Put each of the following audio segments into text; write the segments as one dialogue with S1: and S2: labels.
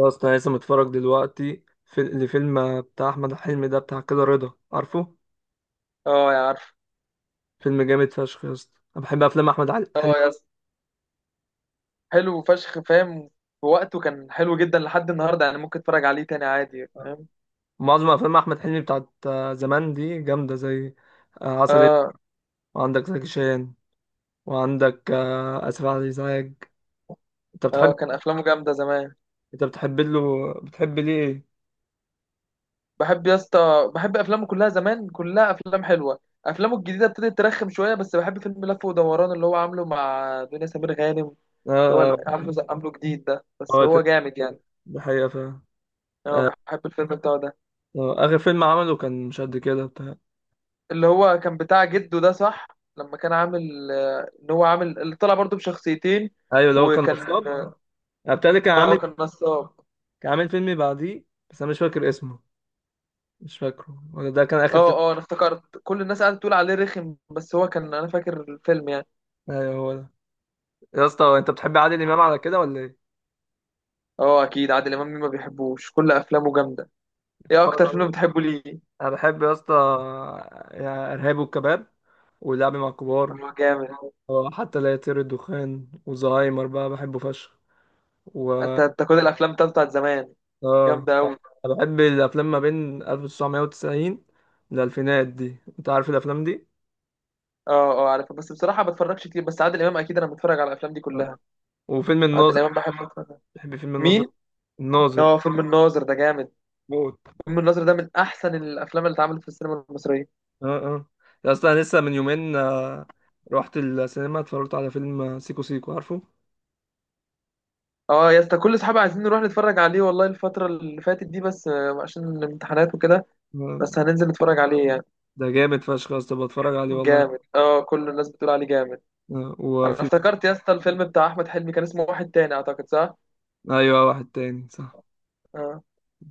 S1: يا اسطى أنا لسه متفرج دلوقتي في لفيلم بتاع احمد حلمي ده بتاع كده رضا عارفه.
S2: اه، يا عارف.
S1: فيلم جامد فشخ يا اسطى، انا بحب افلام احمد حلمي.
S2: اه يا اسطى، حلو فشخ، فاهم. في وقته كان حلو جدا لحد النهارده، يعني ممكن اتفرج عليه تاني عادي، فاهم.
S1: معظم افلام احمد حلمي بتاعت زمان دي جامده، زي عسل اسود.
S2: اه
S1: وعندك زكي شان. وعندك اسف على الازعاج. انت بتحب؟
S2: اه كان افلامه جامده زمان.
S1: انت بتحب له، بتحب ليه ايه؟
S2: بحب يا اسطى، بحب افلامه كلها زمان، كلها افلام حلوه. افلامه الجديده ابتدت ترخم شويه، بس بحب فيلم لف ودوران اللي هو عامله مع دنيا سمير غانم. اللي هو
S1: اه،
S2: عامله عامله جديد ده، بس
S1: الفيلم
S2: هو جامد يعني.
S1: ده حقيقه فعلا.
S2: اه، بحب الفيلم بتاعه ده.
S1: اخر فيلم عمله كان مش قد كده بتاع.
S2: اللي هو كان بتاع جده ده، صح؟ لما كان عامل ان هو عامل اللي طلع برضه بشخصيتين.
S1: ايوه اللي هو كان
S2: وكان،
S1: نصاب. بتاع ده كان
S2: اه
S1: عامل.
S2: كان نصاب.
S1: كان عامل فيلم بعديه. بس انا مش فاكر اسمه. مش فاكره ولا ده كان
S2: اه
S1: اخر فيلم.
S2: اه انا افتكرت كل الناس قاعده تقول عليه رخم، بس هو كان، انا فاكر الفيلم يعني.
S1: ايوه هو ده. يا اسطى، انت بتحب عادل امام على كده ولا ايه؟
S2: اه اكيد، عادل امام مين ما بيحبوش؟ كل افلامه جامده. ايه
S1: بتتفرج
S2: اكتر فيلم
S1: عليه؟
S2: بتحبه ليه؟
S1: انا بحب يا اسطى. يا ارهاب والكباب. ولعب مع الكبار.
S2: هو جامد.
S1: اه، حتى لا يطير الدخان وزهايمر بقى بحبه فشخ. و
S2: انت كل الافلام بتاعته بتاعت زمان
S1: اه
S2: جامده قوي.
S1: انا بحب الافلام ما بين 1990 للالفينات دي، انت عارف الافلام دي.
S2: اه اه، عارفها، بس بصراحه ما بتفرجش كتير، بس عادل امام اكيد انا بتفرج على الافلام دي
S1: اه.
S2: كلها.
S1: وفيلم
S2: عادل
S1: الناظر.
S2: امام بحب اتفرج.
S1: بحب فيلم
S2: مين؟
S1: الناظر. الناظر
S2: اه فيلم الناظر ده جامد.
S1: موت.
S2: فيلم الناظر ده من احسن الافلام اللي اتعملت في السينما المصريه.
S1: اه اه، يا اصلا أنا لسه من يومين، رحت السينما اتفرجت على فيلم سيكو سيكو، عارفه؟
S2: اه يا اسطى، كل اصحابي عايزين نروح نتفرج عليه والله الفتره اللي فاتت دي، بس عشان الامتحانات وكده.
S1: آه،
S2: بس هننزل نتفرج عليه يعني.
S1: ده جامد فشخ يا اسطى، بتفرج عليه والله.
S2: جامد، اه كل الناس بتقول عليه جامد. انا
S1: وفي.
S2: افتكرت يا اسطى الفيلم بتاع احمد حلمي كان اسمه واحد تاني، اعتقد، صح؟
S1: ايوه واحد تاني، صح.
S2: اه،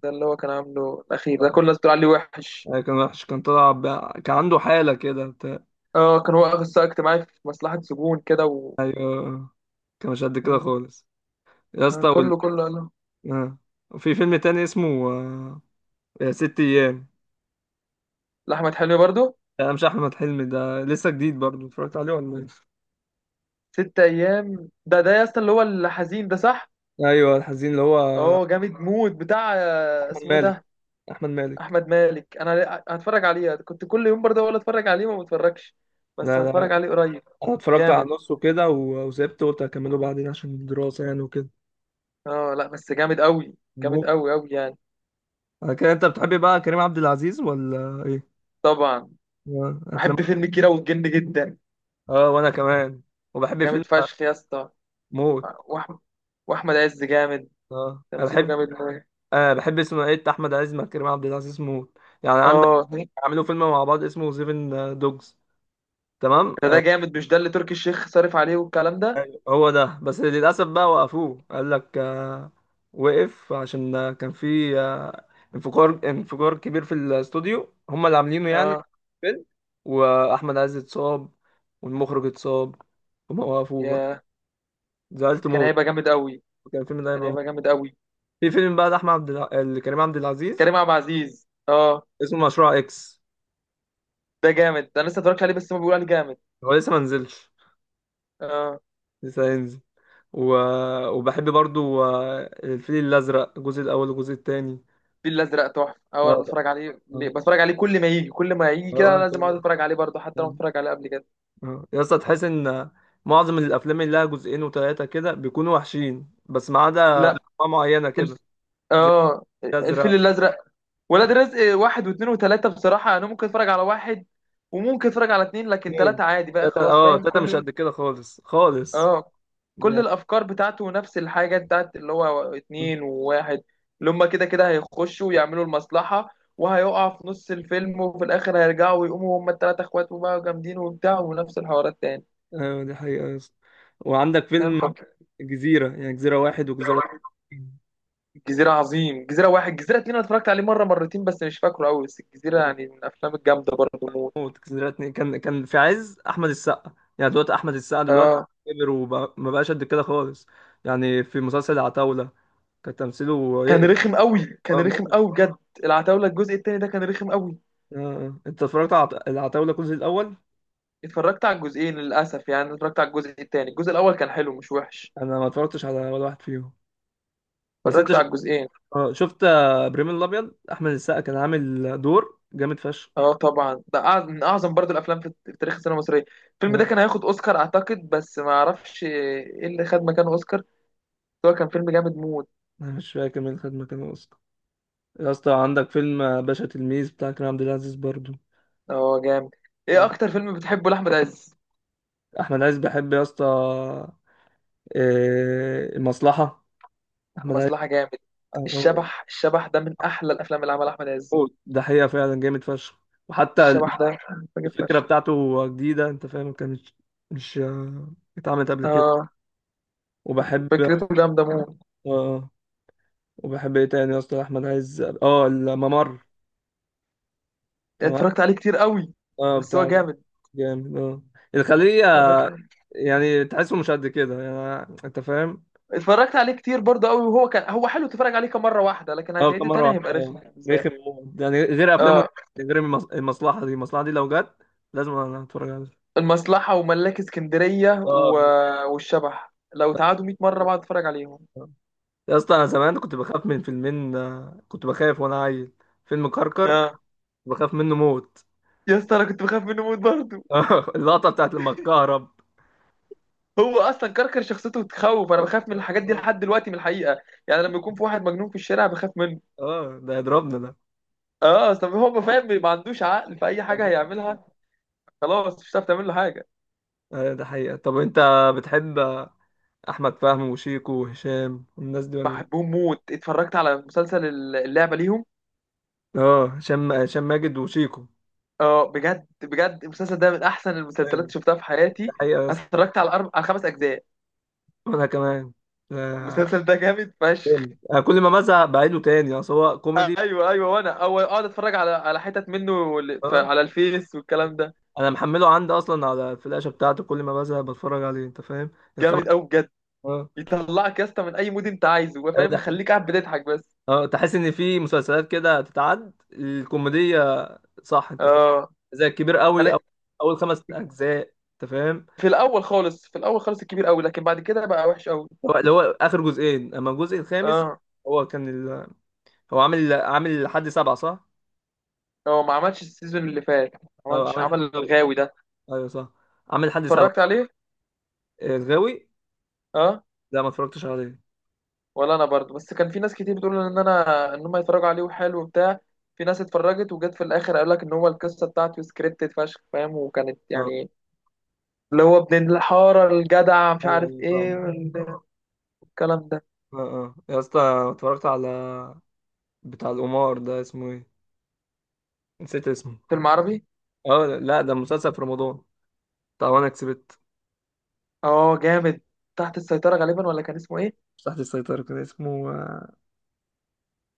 S2: ده اللي هو كان عامله الاخير ده، كل الناس بتقول عليه وحش.
S1: كان وحش، كان طلع ب... كان عنده حالة كده بتاع.
S2: اه، كان واقف السقا اجتماعي في مصلحة سجون كده، و
S1: ايوه، كان مش قد كده
S2: مم.
S1: خالص. يا
S2: آه،
S1: اسطى وال...
S2: كله كله قال له.
S1: آه. وفي فيلم تاني اسمه، ست ايام.
S2: لاحمد حلمي برضو.
S1: ده مش احمد حلمي، ده لسه جديد برضه، اتفرجت عليه ولا ايه؟
S2: ست ايام ده ده يا اسطى اللي هو الحزين ده، صح؟
S1: ايوه الحزين اللي هو.
S2: اه جامد موت. بتاع
S1: احمد
S2: اسمه إيه
S1: مالك.
S2: ده؟
S1: احمد مالك.
S2: احمد مالك. انا هتفرج عليه، كنت كل يوم برضه اقول اتفرج عليه، ما بتفرجش، بس
S1: لا لا، انا
S2: هتفرج عليه قريب.
S1: اتفرجت على
S2: جامد.
S1: النص وكده وسبت، قلت اكمله بعدين عشان الدراسة يعني وكده.
S2: اه لا بس جامد قوي، جامد
S1: مو-
S2: قوي قوي يعني.
S1: على كده انت بتحبي بقى كريم عبد العزيز ولا ايه؟
S2: طبعا،
S1: افلام.
S2: بحب فيلم كيرة والجن جدا.
S1: اه وانا كمان. وبحب فيلم.
S2: جامد فشخ يا اسطى.
S1: موت.
S2: واحمد، واحمد عز جامد،
S1: اه انا
S2: تمثيله
S1: بحب.
S2: جامد أوي.
S1: آه بحب اسمه ايه بتاع احمد عز مع كريم عبد العزيز موت يعني عندك.
S2: اه
S1: عملوا فيلم مع بعض اسمه سيفن دوجز. تمام.
S2: ده جامد، مش ده اللي تركي الشيخ صارف عليه والكلام ده؟
S1: هو ده بس للأسف بقى وقفوه، قال لك وقف عشان كان في انفجار، انفجار كبير في الاستوديو هم اللي عاملينه يعني.
S2: اه،
S1: فيلم. وأحمد عز اتصاب. والمخرج اتصاب. هما وقفوه بقى.
S2: يا
S1: زعلت
S2: كان
S1: موت.
S2: هيبقى جامد قوي.
S1: كان الفيلم ده
S2: كان
S1: هيبقى موت.
S2: هيبقى جامد قوي.
S1: في فيلم بقى كريم عبد العزيز
S2: كريم عبد العزيز، اه
S1: اسمه مشروع إكس.
S2: ده جامد. ده انا لسه اتفرجت عليه، بس ما بيقول عليه جامد.
S1: هو لسه ما نزلش.
S2: اه
S1: لسه هينزل و... وبحب برضو الفيل الأزرق الجزء الأول والجزء التاني.
S2: الفيل الازرق تحفه. اول ما
S1: آه،
S2: بتفرج عليه
S1: آه،
S2: بتفرج عليه، كل ما يجي كل ما يجي كده
S1: وأنا
S2: لازم اقعد
S1: كمان.
S2: اتفرج عليه برضه، حتى لو اتفرج عليه قبل كده.
S1: آه. يا اسطى تحس ان معظم الافلام اللي لها جزئين وثلاثه كده بيكونوا وحشين بس ما عدا انواع
S2: لا،
S1: معينه كده.
S2: الف...
S1: زي
S2: اه الفيل
S1: الازرق.
S2: الازرق، ولاد رزق واحد واثنين وثلاثه. بصراحه انا ممكن اتفرج على واحد، وممكن اتفرج على اثنين، لكن
S1: اثنين.
S2: ثلاثه عادي بقى
S1: ثلاثه
S2: خلاص،
S1: اه،
S2: فاهم.
S1: ثلاثه مش
S2: كل،
S1: قد كده خالص خالص
S2: اه كل
S1: يعني.
S2: الافكار بتاعته نفس الحاجه، بتاعت اللي هو اتنين وواحد، اللي هما كده كده هيخشوا ويعملوا المصلحه، وهيقع في نص الفيلم، وفي الاخر هيرجعوا ويقوموا هما الثلاثه اخوات وبقوا جامدين وبتاع، ونفس الحوارات تاني،
S1: ايوه دي حقيقه يا اسطى. وعندك
S2: فاهم.
S1: فيلم جزيره، يعني جزيره واحد وجزيره اتنين.
S2: الجزيرة عظيم، الجزيرة واحد الجزيرة اتنين، أنا اتفرجت عليه مرة مرتين بس مش فاكره أوي، بس الجزيرة يعني من الأفلام الجامدة برضه موت.
S1: موت. جزيره اتنين كان، كان في عز احمد السقا يعني، دلوقتي احمد السقا دلوقتي
S2: آه،
S1: كبر وما بقاش قد كده خالص يعني. في مسلسل العتاوله كان تمثيله
S2: كان
S1: يقرف.
S2: رخم أوي كان رخم
S1: موت.
S2: أوي بجد. العتاولة الجزء التاني ده كان رخم أوي.
S1: آه. آه. انت اتفرجت على العتاولة الجزء الاول؟
S2: اتفرجت على الجزئين للأسف، يعني أنا اتفرجت على الجزء التاني، الجزء الأول كان حلو مش وحش.
S1: انا ما اتفرجتش على ولا واحد فيهم. بس انت
S2: اتفرجت على الجزئين.
S1: آه. شفت ابراهيم الابيض، احمد السقا كان عامل دور جامد فشخ.
S2: اه طبعا، ده من أعظم برضه الأفلام في في تاريخ السينما المصرية. الفيلم ده
S1: آه.
S2: كان هياخد أوسكار أعتقد، بس ما أعرفش إيه اللي خد مكانه أوسكار بس. هو كان فيلم جامد موت.
S1: انا مش فاكر مين خد مكانه اصلا. يا اسطى عندك فيلم باشا تلميذ بتاع كريم عبد العزيز برضو.
S2: اه جامد. إيه أكتر فيلم بتحبه لأحمد عز؟
S1: احمد عز بحب يا اسطى المصلحة. احمد عز
S2: مصلحة جامد.
S1: آه،
S2: الشبح، الشبح ده من أحلى الأفلام اللي عملها أحمد عز.
S1: آه. ده حقيقة فعلا جامد فشخ. وحتى
S2: الشبح ده فاجر
S1: الفكرة
S2: فشخ.
S1: بتاعته جديدة، انت فاهم، كانت مش، مش اتعملت قبل كده.
S2: آه،
S1: وبحب.
S2: فكرته جامدة موت.
S1: اه وبحب ايه تاني يا اسطى؟ احمد عز اه، الممر. تمام.
S2: اتفرجت عليه كتير قوي،
S1: اه
S2: بس هو
S1: بتاع
S2: جامد.
S1: جامد اه الخلية،
S2: اتفرجت عليه.
S1: يعني تحسه مش قد كده يعني انت فاهم.
S2: اتفرجت عليه كتير برضه قوي، وهو كان، هو حلو تتفرج عليه كام مرة واحدة، لكن
S1: اه كم
S2: هتعيده
S1: مرة
S2: تاني
S1: واحدة
S2: هيبقى رخم
S1: اه.
S2: بالنسبة لي.
S1: رخم موت. يعني غير افلامه،
S2: آه،
S1: غير المصلحة دي، المصلحة دي لو جت لازم انا اتفرج عليها.
S2: المصلحة وملاك اسكندرية و...
S1: اه.
S2: والشبح لو تعادوا 100 مرة بقعد اتفرج عليهم.
S1: يا اسطى انا زمان كنت بخاف من فيلمين، كنت بخاف وانا عيل. فيلم كركر.
S2: آه
S1: بخاف منه موت.
S2: يا اسطى، انا كنت بخاف منه موت برضه.
S1: اللقطة بتاعت لما اتكهرب.
S2: هو اصلا كركر شخصيته تخوف، انا بخاف من الحاجات دي
S1: اه
S2: لحد دلوقتي من الحقيقه، يعني لما يكون في واحد مجنون في الشارع بخاف منه.
S1: ده يضربنا.
S2: اه، اصل هو ما فاهم، ما عندوش عقل في اي حاجه
S1: ده
S2: هيعملها، خلاص مش هتعرف تعمل له حاجه.
S1: ايوه ده حقيقة. طب انت بتحب احمد فهمي وشيكو وهشام والناس دي ولا إيه؟
S2: بحبهم موت. اتفرجت على مسلسل اللعبه ليهم.
S1: اه هشام، هشام ماجد وشيكو.
S2: اه بجد بجد، المسلسل ده من احسن المسلسلات اللي
S1: ماجد.
S2: شفتها في
S1: ده
S2: حياتي.
S1: حقيقة يا
S2: انا
S1: اسطى.
S2: اتفرجت على خمس اجزاء.
S1: وانا كمان. آه،
S2: المسلسل ده جامد فشخ.
S1: جامد. انا كل ما بزهق بعيده تاني، اصل هو كوميدي.
S2: ايوه ايوه، وانا اول اقعد اتفرج على حتت منه
S1: اه
S2: على الفيس والكلام ده.
S1: انا محمله عندي اصلا على الفلاشة بتاعته، كل ما بزهق بتفرج عليه انت فاهم. الخمس.
S2: جامد قوي بجد.
S1: اه.
S2: يطلعك يا اسطى من اي مود انت عايزه، هو
S1: ايوه
S2: فاهم،
S1: ده
S2: يخليك
S1: حقيقة.
S2: قاعد بتضحك بس.
S1: اه تحس ان في مسلسلات كده تتعد الكوميدية، صح انت فاهم؟
S2: اه
S1: زي الكبير قوي او.
S2: انا
S1: اول خمس اجزاء انت فاهم.
S2: في الاول خالص في الاول خالص الكبير قوي، لكن بعد كده بقى وحش قوي.
S1: هو اللي هو اخر جزئين، اما الجزء الخامس،
S2: اه
S1: هو كان ال... هو عامل، عامل لحد سبعة صح؟
S2: هو ما عملش السيزون اللي فات، ما
S1: اه
S2: عملش،
S1: عامل
S2: عمل الغاوي ده.
S1: ايوه صح، عامل لحد سبعة.
S2: اتفرجت عليه.
S1: الغاوي.
S2: اه،
S1: لا ما اتفرجتش عليه.
S2: ولا انا برضو، بس كان في ناس كتير بتقول ان انا ان هم يتفرجوا عليه وحلو وبتاع. في ناس اتفرجت وجت في الاخر قال لك ان هو القصه بتاعته سكريبتد فشخ، فاهم، وكانت
S1: اه.
S2: يعني اللي هو ابن الحاره الجدع مش
S1: ايوه
S2: عارف
S1: أيوة،
S2: ايه
S1: فاهم.
S2: والكلام ده.
S1: اه اه يا اسطى، اتفرجت على بتاع القمار ده، اسمه ايه؟ نسيت اسمه.
S2: فيلم عربي؟
S1: اه لا ده مسلسل في رمضان، بتاع وانا كسبت.
S2: اه جامد. تحت السيطرة غالبا، ولا كان اسمه ايه؟
S1: مش تحت السيطرة كان اسمه،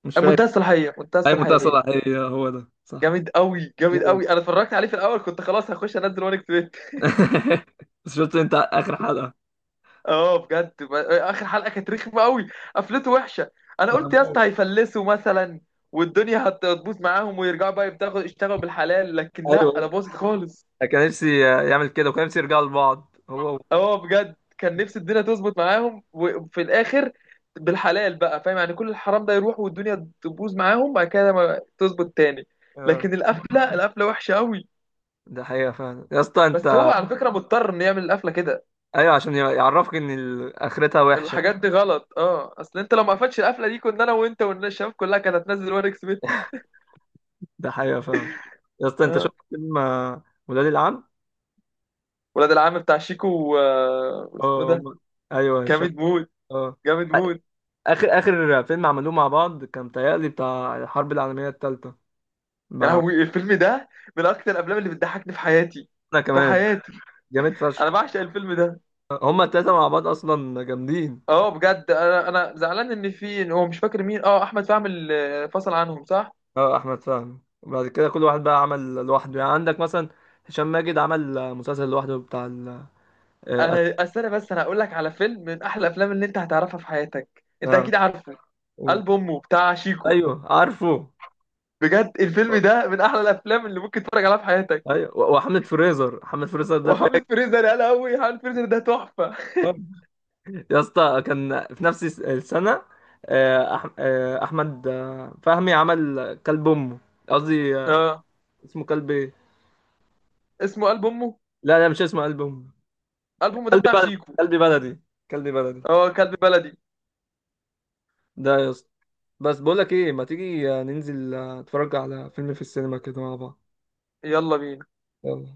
S1: مش فاكر.
S2: منتهى الصلاحية، منتهى
S1: اي منتهى
S2: الصلاحية.
S1: صلاحية هو ده صح.
S2: جامد قوي، جامد
S1: موت.
S2: قوي. انا اتفرجت عليه في الاول كنت خلاص هخش انزل وان كتبت.
S1: بس شفت انت اخر حلقة؟
S2: اه بجد، اخر حلقة كانت رخمة قوي، قفلته وحشة. انا
S1: انا
S2: قلت يا اسطى
S1: موت.
S2: هيفلسوا مثلا، والدنيا هتبوظ معاهم ويرجعوا بقى يبتغوا يشتغلوا بالحلال، لكن لا، انا
S1: ايوه
S2: باظت خالص.
S1: كان نفسي يعمل كده، وكان نفسي يرجعوا لبعض هو و...
S2: اه بجد كان نفسي الدنيا تظبط معاهم، وفي الاخر بالحلال بقى فاهم يعني، كل الحرام ده يروح والدنيا تبوظ معاهم بعد كده ما تظبط تاني.
S1: آه.
S2: لكن القفله، القفله وحشه قوي.
S1: ده حقيقة فعلا يا اسطى
S2: بس هو
S1: انت.
S2: على فكره مضطر انه يعمل القفله كده،
S1: ايوه عشان يعرفك ان اخرتها وحشة.
S2: الحاجات دي غلط. اه اصل انت لو ما قفلتش القفله دي، كنا انا وانت والناس الشباب كلها كانت هتنزل واريك سميث.
S1: ده حقيقة فعلا. يا اسطى انت
S2: اه،
S1: شفت فيلم ولاد العم؟
S2: ولاد العم بتاع شيكو و... واسمه
S1: اه
S2: ده.
S1: ايوه هشام.
S2: جامد موت،
S1: اه،
S2: جامد موت.
S1: اخر، اخر فيلم عملوه مع بعض كان تهيألي بتاع الحرب العالمية التالتة
S2: يعني
S1: مع.
S2: هو الفيلم ده من اكتر الافلام اللي بتضحكني في حياتي،
S1: انا
S2: في
S1: كمان.
S2: حياتي.
S1: جامد
S2: انا
S1: فشخ.
S2: بعشق الفيلم ده.
S1: هما التلاتة مع بعض اصلا جامدين.
S2: اه بجد، انا زعلان ان في، إن هو مش فاكر مين، اه احمد فهمي اللي فصل عنهم، صح؟
S1: اه احمد فهمي، وبعد كده كل واحد بقى عمل لوحده يعني، عندك مثلا هشام ماجد عمل مسلسل لوحده بتاع آه،
S2: انا استنى بس، انا هقول لك على فيلم من احلى الافلام اللي انت هتعرفها في حياتك، انت
S1: اه
S2: اكيد عارفه.
S1: قول.
S2: قلب امه بتاع شيكو.
S1: ايوه عارفه.
S2: بجد الفيلم ده من احلى الافلام اللي ممكن تتفرج عليها في حياتك.
S1: ايوه وحملة فريزر، حملة فريزر ده فاكر.
S2: وحملة فريزر، يا قوي، حملة فريزر ده تحفه.
S1: يا اسطى كان في نفس السنة، آه، أح... آه، احمد فهمي عمل كلب امه، قصدي
S2: اه
S1: اسمه كلب ايه.
S2: اسمه قلب امه.
S1: لا لا مش اسمه كلب امه.
S2: قلب امه ده
S1: كلب
S2: بتاع
S1: بلدي.
S2: شيكو.
S1: كلب بلدي. كلب بلدي
S2: اه كلب بلدي.
S1: ده يا اسطى. بس بقول لك ايه، ما تيجي ننزل نتفرج على فيلم في السينما كده مع بعض.
S2: يلا بينا.
S1: يلا.